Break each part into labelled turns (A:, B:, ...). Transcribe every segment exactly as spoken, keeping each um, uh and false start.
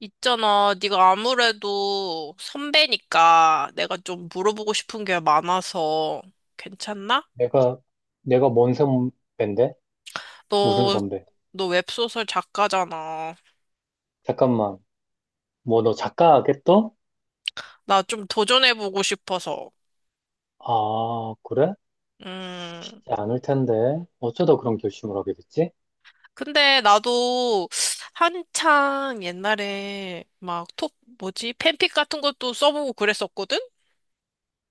A: 있잖아, 네가 아무래도 선배니까 내가 좀 물어보고 싶은 게 많아서 괜찮나?
B: 내가, 내가 뭔 선배인데? 무슨
A: 너,
B: 선배?
A: 너 웹소설 작가잖아.
B: 잠깐만, 뭐 너 작가겠어?
A: 나 좀 도전해보고 싶어서.
B: 아, 그래?
A: 음,
B: 쉽지 않을 텐데. 어쩌다 그런 결심을 하게 됐지?
A: 근데 나도 한창 옛날에 막 톡, 뭐지? 팬픽 같은 것도 써보고 그랬었거든?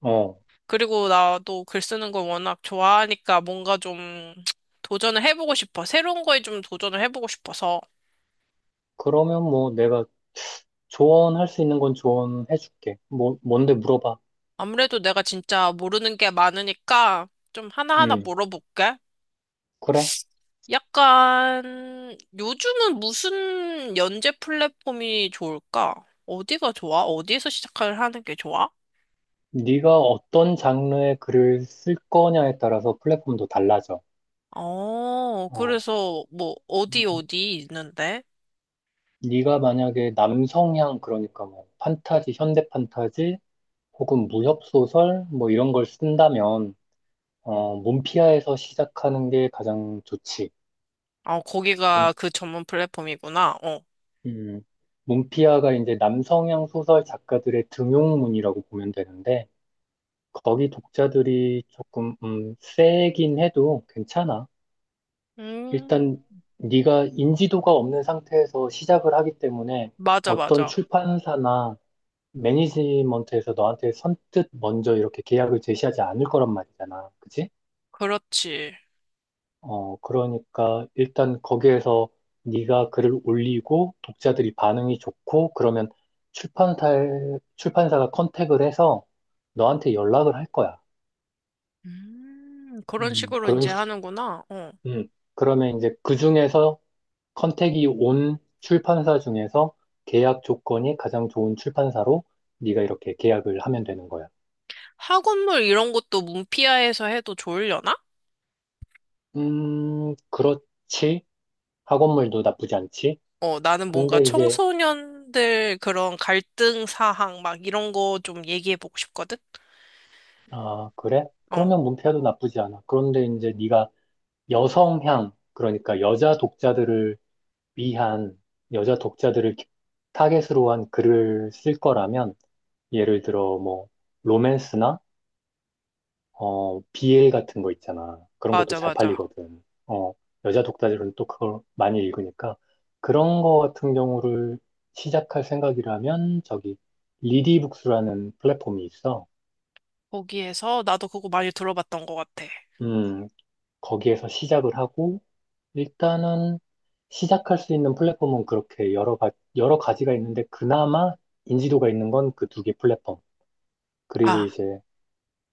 B: 어,
A: 그리고 나도 글 쓰는 걸 워낙 좋아하니까 뭔가 좀 도전을 해보고 싶어. 새로운 거에 좀 도전을 해보고 싶어서.
B: 그러면 뭐 내가 조언할 수 있는 건 조언해줄게. 뭐, 뭔데 물어봐.
A: 아무래도 내가 진짜 모르는 게 많으니까 좀 하나하나
B: 음,
A: 물어볼게.
B: 그래?
A: 약간 요즘은 무슨 연재 플랫폼이 좋을까? 어디가 좋아? 어디에서 시작을 하는 게 좋아?
B: 네가 어떤 장르의 글을 쓸 거냐에 따라서 플랫폼도 달라져.
A: 어,
B: 어,
A: 그래서 뭐 어디 어디 있는데?
B: 네가 만약에 남성향, 그러니까 뭐 판타지, 현대 판타지, 혹은 무협소설 뭐 이런 걸 쓴다면 어, 문피아에서 시작하는 게 가장 좋지.
A: 어,
B: 문,
A: 거기가 그 전문 플랫폼이구나. 어.
B: 음, 문피아가 이제 남성향 소설 작가들의 등용문이라고 보면 되는데 거기 독자들이 조금 음, 세긴 해도 괜찮아.
A: 음,
B: 일단 네가 인지도가 없는 상태에서 시작을 하기 때문에
A: 맞아,
B: 어떤
A: 맞아.
B: 출판사나 매니지먼트에서 너한테 선뜻 먼저 이렇게 계약을 제시하지 않을 거란 말이잖아. 그치?
A: 그렇지.
B: 어, 그러니까 일단 거기에서 네가 글을 올리고 독자들이 반응이 좋고 그러면 출판사 출판사가 컨택을 해서 너한테 연락을 할 거야.
A: 음, 그런
B: 음,
A: 식으로
B: 그런
A: 이제
B: 식.
A: 하는구나. 어.
B: 음, 그러면 이제 그 중에서 컨택이 온 출판사 중에서 계약 조건이 가장 좋은 출판사로 네가 이렇게 계약을 하면 되는 거야.
A: 학원물 이런 것도 문피아에서 해도 좋으려나?
B: 음, 그렇지. 학원물도 나쁘지 않지.
A: 어, 나는 뭔가
B: 근데 이제
A: 청소년들 그런 갈등 사항 막 이런 거 좀 얘기해보고 싶거든?
B: 아, 그래?
A: 어,
B: 그러면 문패도 나쁘지 않아. 그런데 이제 네가 여성향, 그러니까 여자 독자들을 위한, 여자 독자들을 기- 타겟으로 한 글을 쓸 거라면, 예를 들어 뭐, 로맨스나, 어, 비엘 같은 거 있잖아. 그런 것도
A: 맞아,
B: 잘
A: 맞아.
B: 팔리거든. 어, 여자 독자들은 또 그걸 많이 읽으니까. 그런 거 같은 경우를 시작할 생각이라면, 저기, 리디북스라는 플랫폼이 있어.
A: 거기에서 나도 그거 많이 들어봤던 것 같아.
B: 음, 거기에서 시작을 하고, 일단은 시작할 수 있는 플랫폼은 그렇게 여러 가, 여러 가지가 있는데, 그나마 인지도가 있는 건 그 두 개 플랫폼. 그리고
A: 아,
B: 이제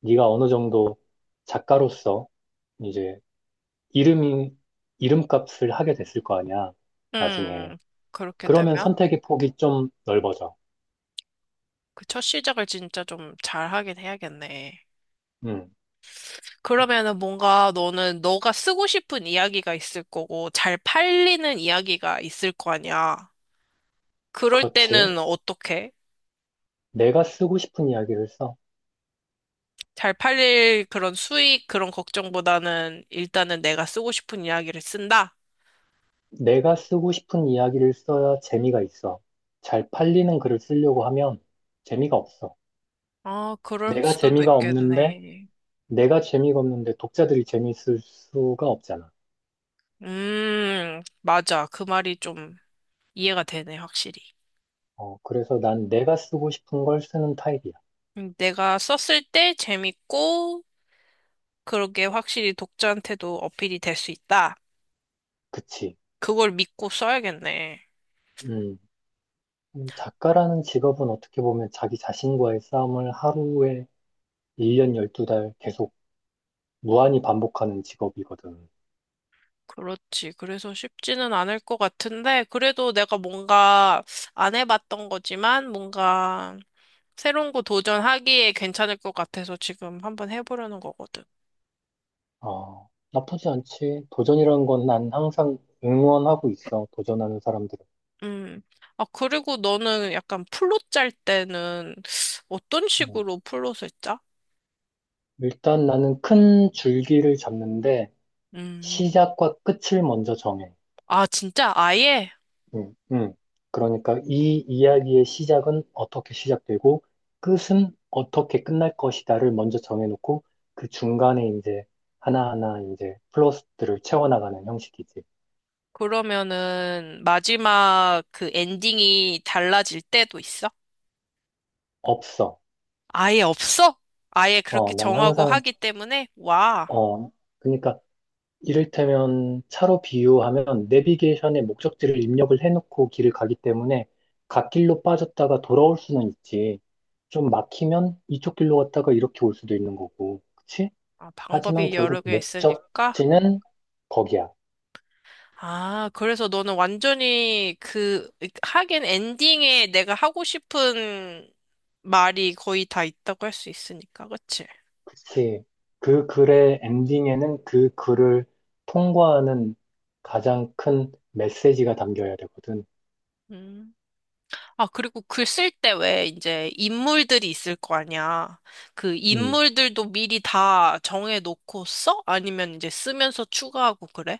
B: 네가 어느 정도 작가로서 이제 이름이, 이름값을 하게 됐을 거 아니야, 나중에.
A: 음, 그렇게
B: 그러면
A: 되면
B: 선택의 폭이 좀 넓어져.
A: 그 첫 시작을 진짜 좀 잘 하긴 해야겠네.
B: 음,
A: 그러면은 뭔가 너는 너가 쓰고 싶은 이야기가 있을 거고 잘 팔리는 이야기가 있을 거 아니야. 그럴
B: 그렇지.
A: 때는 어떻게?
B: 내가 쓰고 싶은 이야기를 써.
A: 잘 팔릴 그런 수익 그런 걱정보다는 일단은 내가 쓰고 싶은 이야기를 쓴다?
B: 내가 쓰고 싶은 이야기를 써야 재미가 있어. 잘 팔리는 글을 쓰려고 하면 재미가 없어.
A: 아, 그럴
B: 내가
A: 수도
B: 재미가 없는데,
A: 있겠네.
B: 내가 재미가 없는데 독자들이 재미있을 수가 없잖아.
A: 음, 맞아. 그 말이 좀 이해가 되네, 확실히.
B: 어, 그래서 난 내가 쓰고 싶은 걸 쓰는 타입이야.
A: 음, 내가 썼을 때 재밌고 그러게 확실히 독자한테도 어필이 될 수 있다.
B: 그치?
A: 그걸 믿고 써야겠네.
B: 음, 음, 작가라는 직업은 어떻게 보면 자기 자신과의 싸움을 하루에 일 년 열두 달 계속 무한히 반복하는 직업이거든.
A: 그렇지. 그래서 쉽지는 않을 것 같은데, 그래도 내가 뭔가 안 해봤던 거지만, 뭔가 새로운 거 도전하기에 괜찮을 것 같아서 지금 한번 해보려는 거거든.
B: 어, 나쁘지 않지. 도전이라는 건 난 항상 응원하고 있어. 도전하는 사람들은.
A: 음. 아, 그리고 너는 약간 플롯 짤 때는 어떤
B: 음.
A: 식으로 플롯을 짜?
B: 일단 나는 큰 줄기를 잡는데
A: 음.
B: 시작과 끝을 먼저 정해.
A: 아, 진짜? 아예?
B: 음, 음. 그러니까 이 이야기의 시작은 어떻게 시작되고 끝은 어떻게 끝날 것이다를 먼저 정해놓고 그 중간에 이제 하나하나 이제 플러스들을 채워나가는 형식이지.
A: 그러면은 마지막 그 엔딩이 달라질 때도 있어?
B: 없어.
A: 아예 없어? 아예
B: 어,
A: 그렇게
B: 난
A: 정하고
B: 항상,
A: 하기 때문에? 와.
B: 어, 그러니까 이를테면 차로 비유하면 내비게이션에 목적지를 입력을 해놓고 길을 가기 때문에 갓길로 빠졌다가 돌아올 수는 있지. 좀 막히면 이쪽 길로 갔다가 이렇게 올 수도 있는 거고. 그치?
A: 아,
B: 하지만
A: 방법이 여러
B: 결국
A: 개 있으니까. 음.
B: 목적지는 거기야.
A: 아, 그래서 너는 완전히 그, 하긴 엔딩에 내가 하고 싶은 말이 거의 다 있다고 할 수 있으니까, 그치?
B: 그치? 그 글의 엔딩에는 그 글을 통과하는 가장 큰 메시지가 담겨야 되거든.
A: 음. 아, 그리고 글 쓸 때 왜 이제 인물들이 있을 거 아니야. 그
B: 음.
A: 인물들도 미리 다 정해놓고 써? 아니면 이제 쓰면서 추가하고 그래?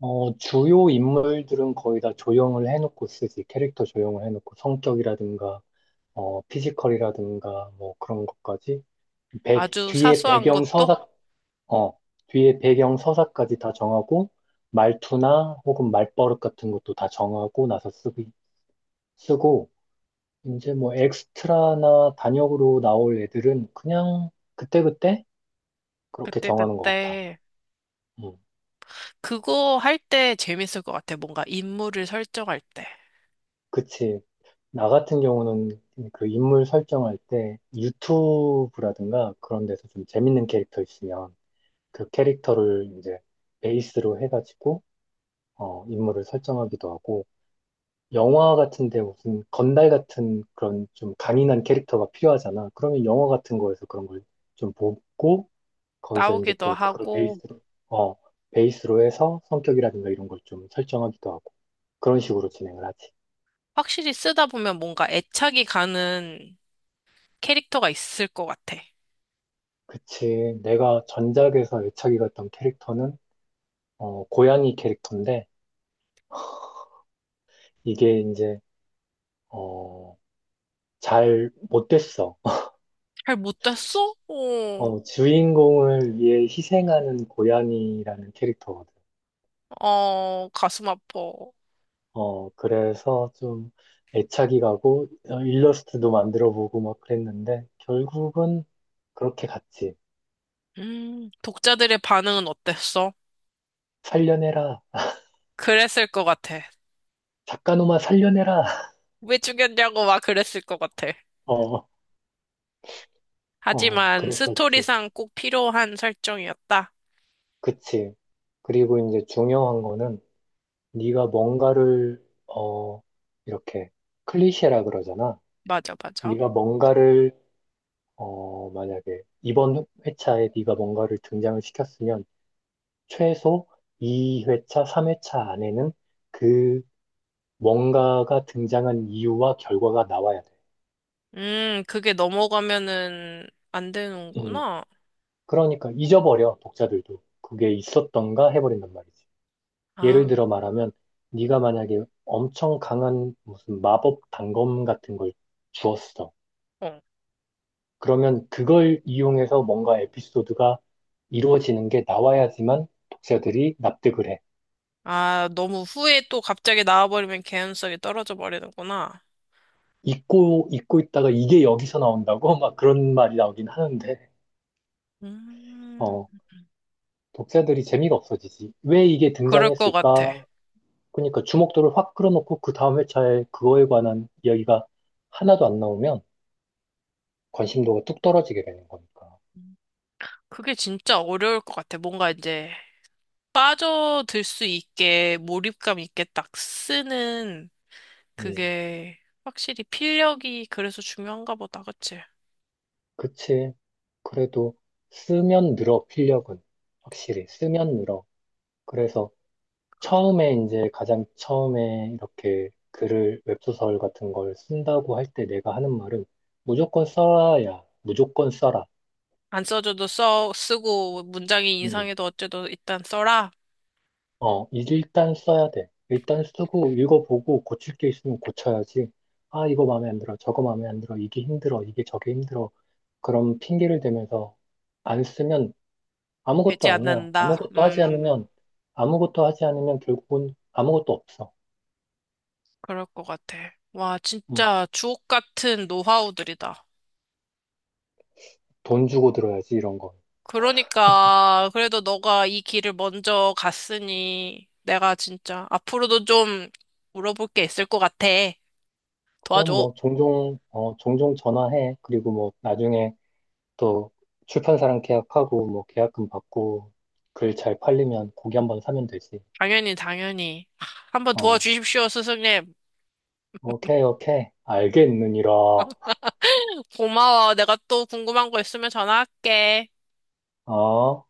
B: 어, 주요 인물들은 거의 다 조형을 해놓고 쓰지. 캐릭터 조형을 해놓고 성격이라든가, 어, 피지컬이라든가, 뭐 그런 것까지. 배,
A: 아주
B: 뒤에
A: 사소한
B: 배경
A: 것도?
B: 서사, 어, 뒤에 배경 서사까지 다 정하고, 말투나 혹은 말버릇 같은 것도 다 정하고 나서 쓰기, 쓰고, 이제 뭐 엑스트라나 단역으로 나올 애들은 그냥 그때그때 그렇게
A: 그때,
B: 정하는 것 같아.
A: 그때.
B: 음,
A: 그거 할 때 재밌을 것 같아. 뭔가 인물을 설정할 때.
B: 그치. 나 같은 경우는 그 인물 설정할 때 유튜브라든가 그런 데서 좀 재밌는 캐릭터 있으면 그 캐릭터를 이제 베이스로 해가지고 어, 인물을 설정하기도 하고 영화 같은데 무슨 건달 같은 그런 좀 강인한 캐릭터가 필요하잖아. 그러면 영화 같은 거에서 그런 걸 좀 보고 거기서 이제
A: 나오기도
B: 또 그걸
A: 하고,
B: 베이스로 어, 베이스로 해서 성격이라든가 이런 걸 좀 설정하기도 하고 그런 식으로 진행을 하지.
A: 확실히 쓰다 보면 뭔가 애착이 가는 캐릭터가 있을 것 같아.
B: 그치. 내가 전작에서 애착이 갔던 캐릭터는, 어, 고양이 캐릭터인데, 이게 이제, 어, 잘 못 됐어.
A: 잘
B: 지-
A: 못됐어? 어,
B: 어, 주인공을 위해 희생하는 고양이라는 캐릭터거든.
A: 어, 가슴 아파.
B: 어, 그래서 좀 애착이 가고, 어, 일러스트도 만들어 보고 막 그랬는데, 결국은 그렇게 갔지.
A: 음, 독자들의 반응은 어땠어?
B: 살려내라.
A: 그랬을 것 같아.
B: 작가놈아 살려내라.
A: 왜 죽였냐고 막 그랬을 것 같아.
B: 어, 어,
A: 하지만
B: 그랬었지.
A: 스토리상 꼭 필요한 설정이었다.
B: 그치. 그리고 이제 중요한 거는, 네가 뭔가를 어 이렇게 클리셰라 그러잖아.
A: 맞아, 맞아.
B: 네가 뭔가를 어 만약에 이번 회차에 네가 뭔가를 등장을 시켰으면 최소 이 회차, 삼 회차 안에는 그 뭔가가 등장한 이유와 결과가 나와야 돼.
A: 음, 그게 넘어가면은 안
B: 음.
A: 되는구나.
B: 그러니까 잊어버려 독자들도 그게 있었던가 해버린단 말이지. 예를
A: 아,
B: 들어 말하면 네가 만약에 엄청 강한 무슨 마법 단검 같은 걸 주었어.
A: 어.
B: 그러면 그걸 이용해서 뭔가 에피소드가 이루어지는 게 나와야지만 독자들이 납득을 해.
A: 아, 너무 후에 또 갑자기 나와버리면 개연성이 떨어져 버리는구나.
B: 잊고, 잊고 있다가 이게 여기서 나온다고? 막 그런 말이 나오긴 하는데,
A: 음,
B: 어, 독자들이 재미가 없어지지. 왜 이게
A: 그럴 것 같아.
B: 등장했을까? 그러니까 주목도를 확 끌어놓고 그 다음 회차에 그거에 관한 이야기가 하나도 안 나오면 관심도가 뚝 떨어지게 되는 거니까.
A: 그게 진짜 어려울 것 같아. 뭔가 이제 빠져들 수 있게 몰입감 있게 딱 쓰는
B: 음,
A: 그게 확실히 필력이 그래서 중요한가 보다. 그치?
B: 그치. 그래도 쓰면 늘어, 필력은. 확실히 쓰면 늘어. 그래서 처음에 이제 가장 처음에 이렇게 글을 웹소설 같은 걸 쓴다고 할 때 내가 하는 말은 무조건 써야 무조건 써라.
A: 안 써줘도 써, 쓰고 문장이
B: 음.
A: 이상해도 어째도 일단 써라.
B: 어, 일단 써야 돼. 일단 쓰고 읽어보고 고칠 게 있으면 고쳐야지. 아, 이거 마음에 안 들어. 저거 마음에 안 들어. 이게 힘들어. 이게 저게 힘들어. 그런 핑계를 대면서 안 쓰면
A: 되지
B: 아무것도 아니야.
A: 않는다.
B: 아무것도 하지
A: 음,
B: 않으면 아무것도 하지 않으면 결국은 아무것도 없어.
A: 그럴 것 같아. 와,
B: 음.
A: 진짜 주옥 같은 노하우들이다.
B: 돈 주고 들어야지 이런 건.
A: 그러니까 그래도 너가 이 길을 먼저 갔으니 내가 진짜 앞으로도 좀 물어볼 게 있을 것 같아.
B: 그럼
A: 도와줘.
B: 뭐 종종 어 종종 전화해. 그리고 뭐 나중에 또 출판사랑 계약하고 뭐 계약금 받고 글 잘 팔리면 고기 한 번 사면 되지.
A: 당연히, 당연히. 한번
B: 어
A: 도와주십시오, 스승님.
B: 오케이 오케이 알겠느니라.
A: 고마워. 내가 또 궁금한 거 있으면 전화할게.
B: 어.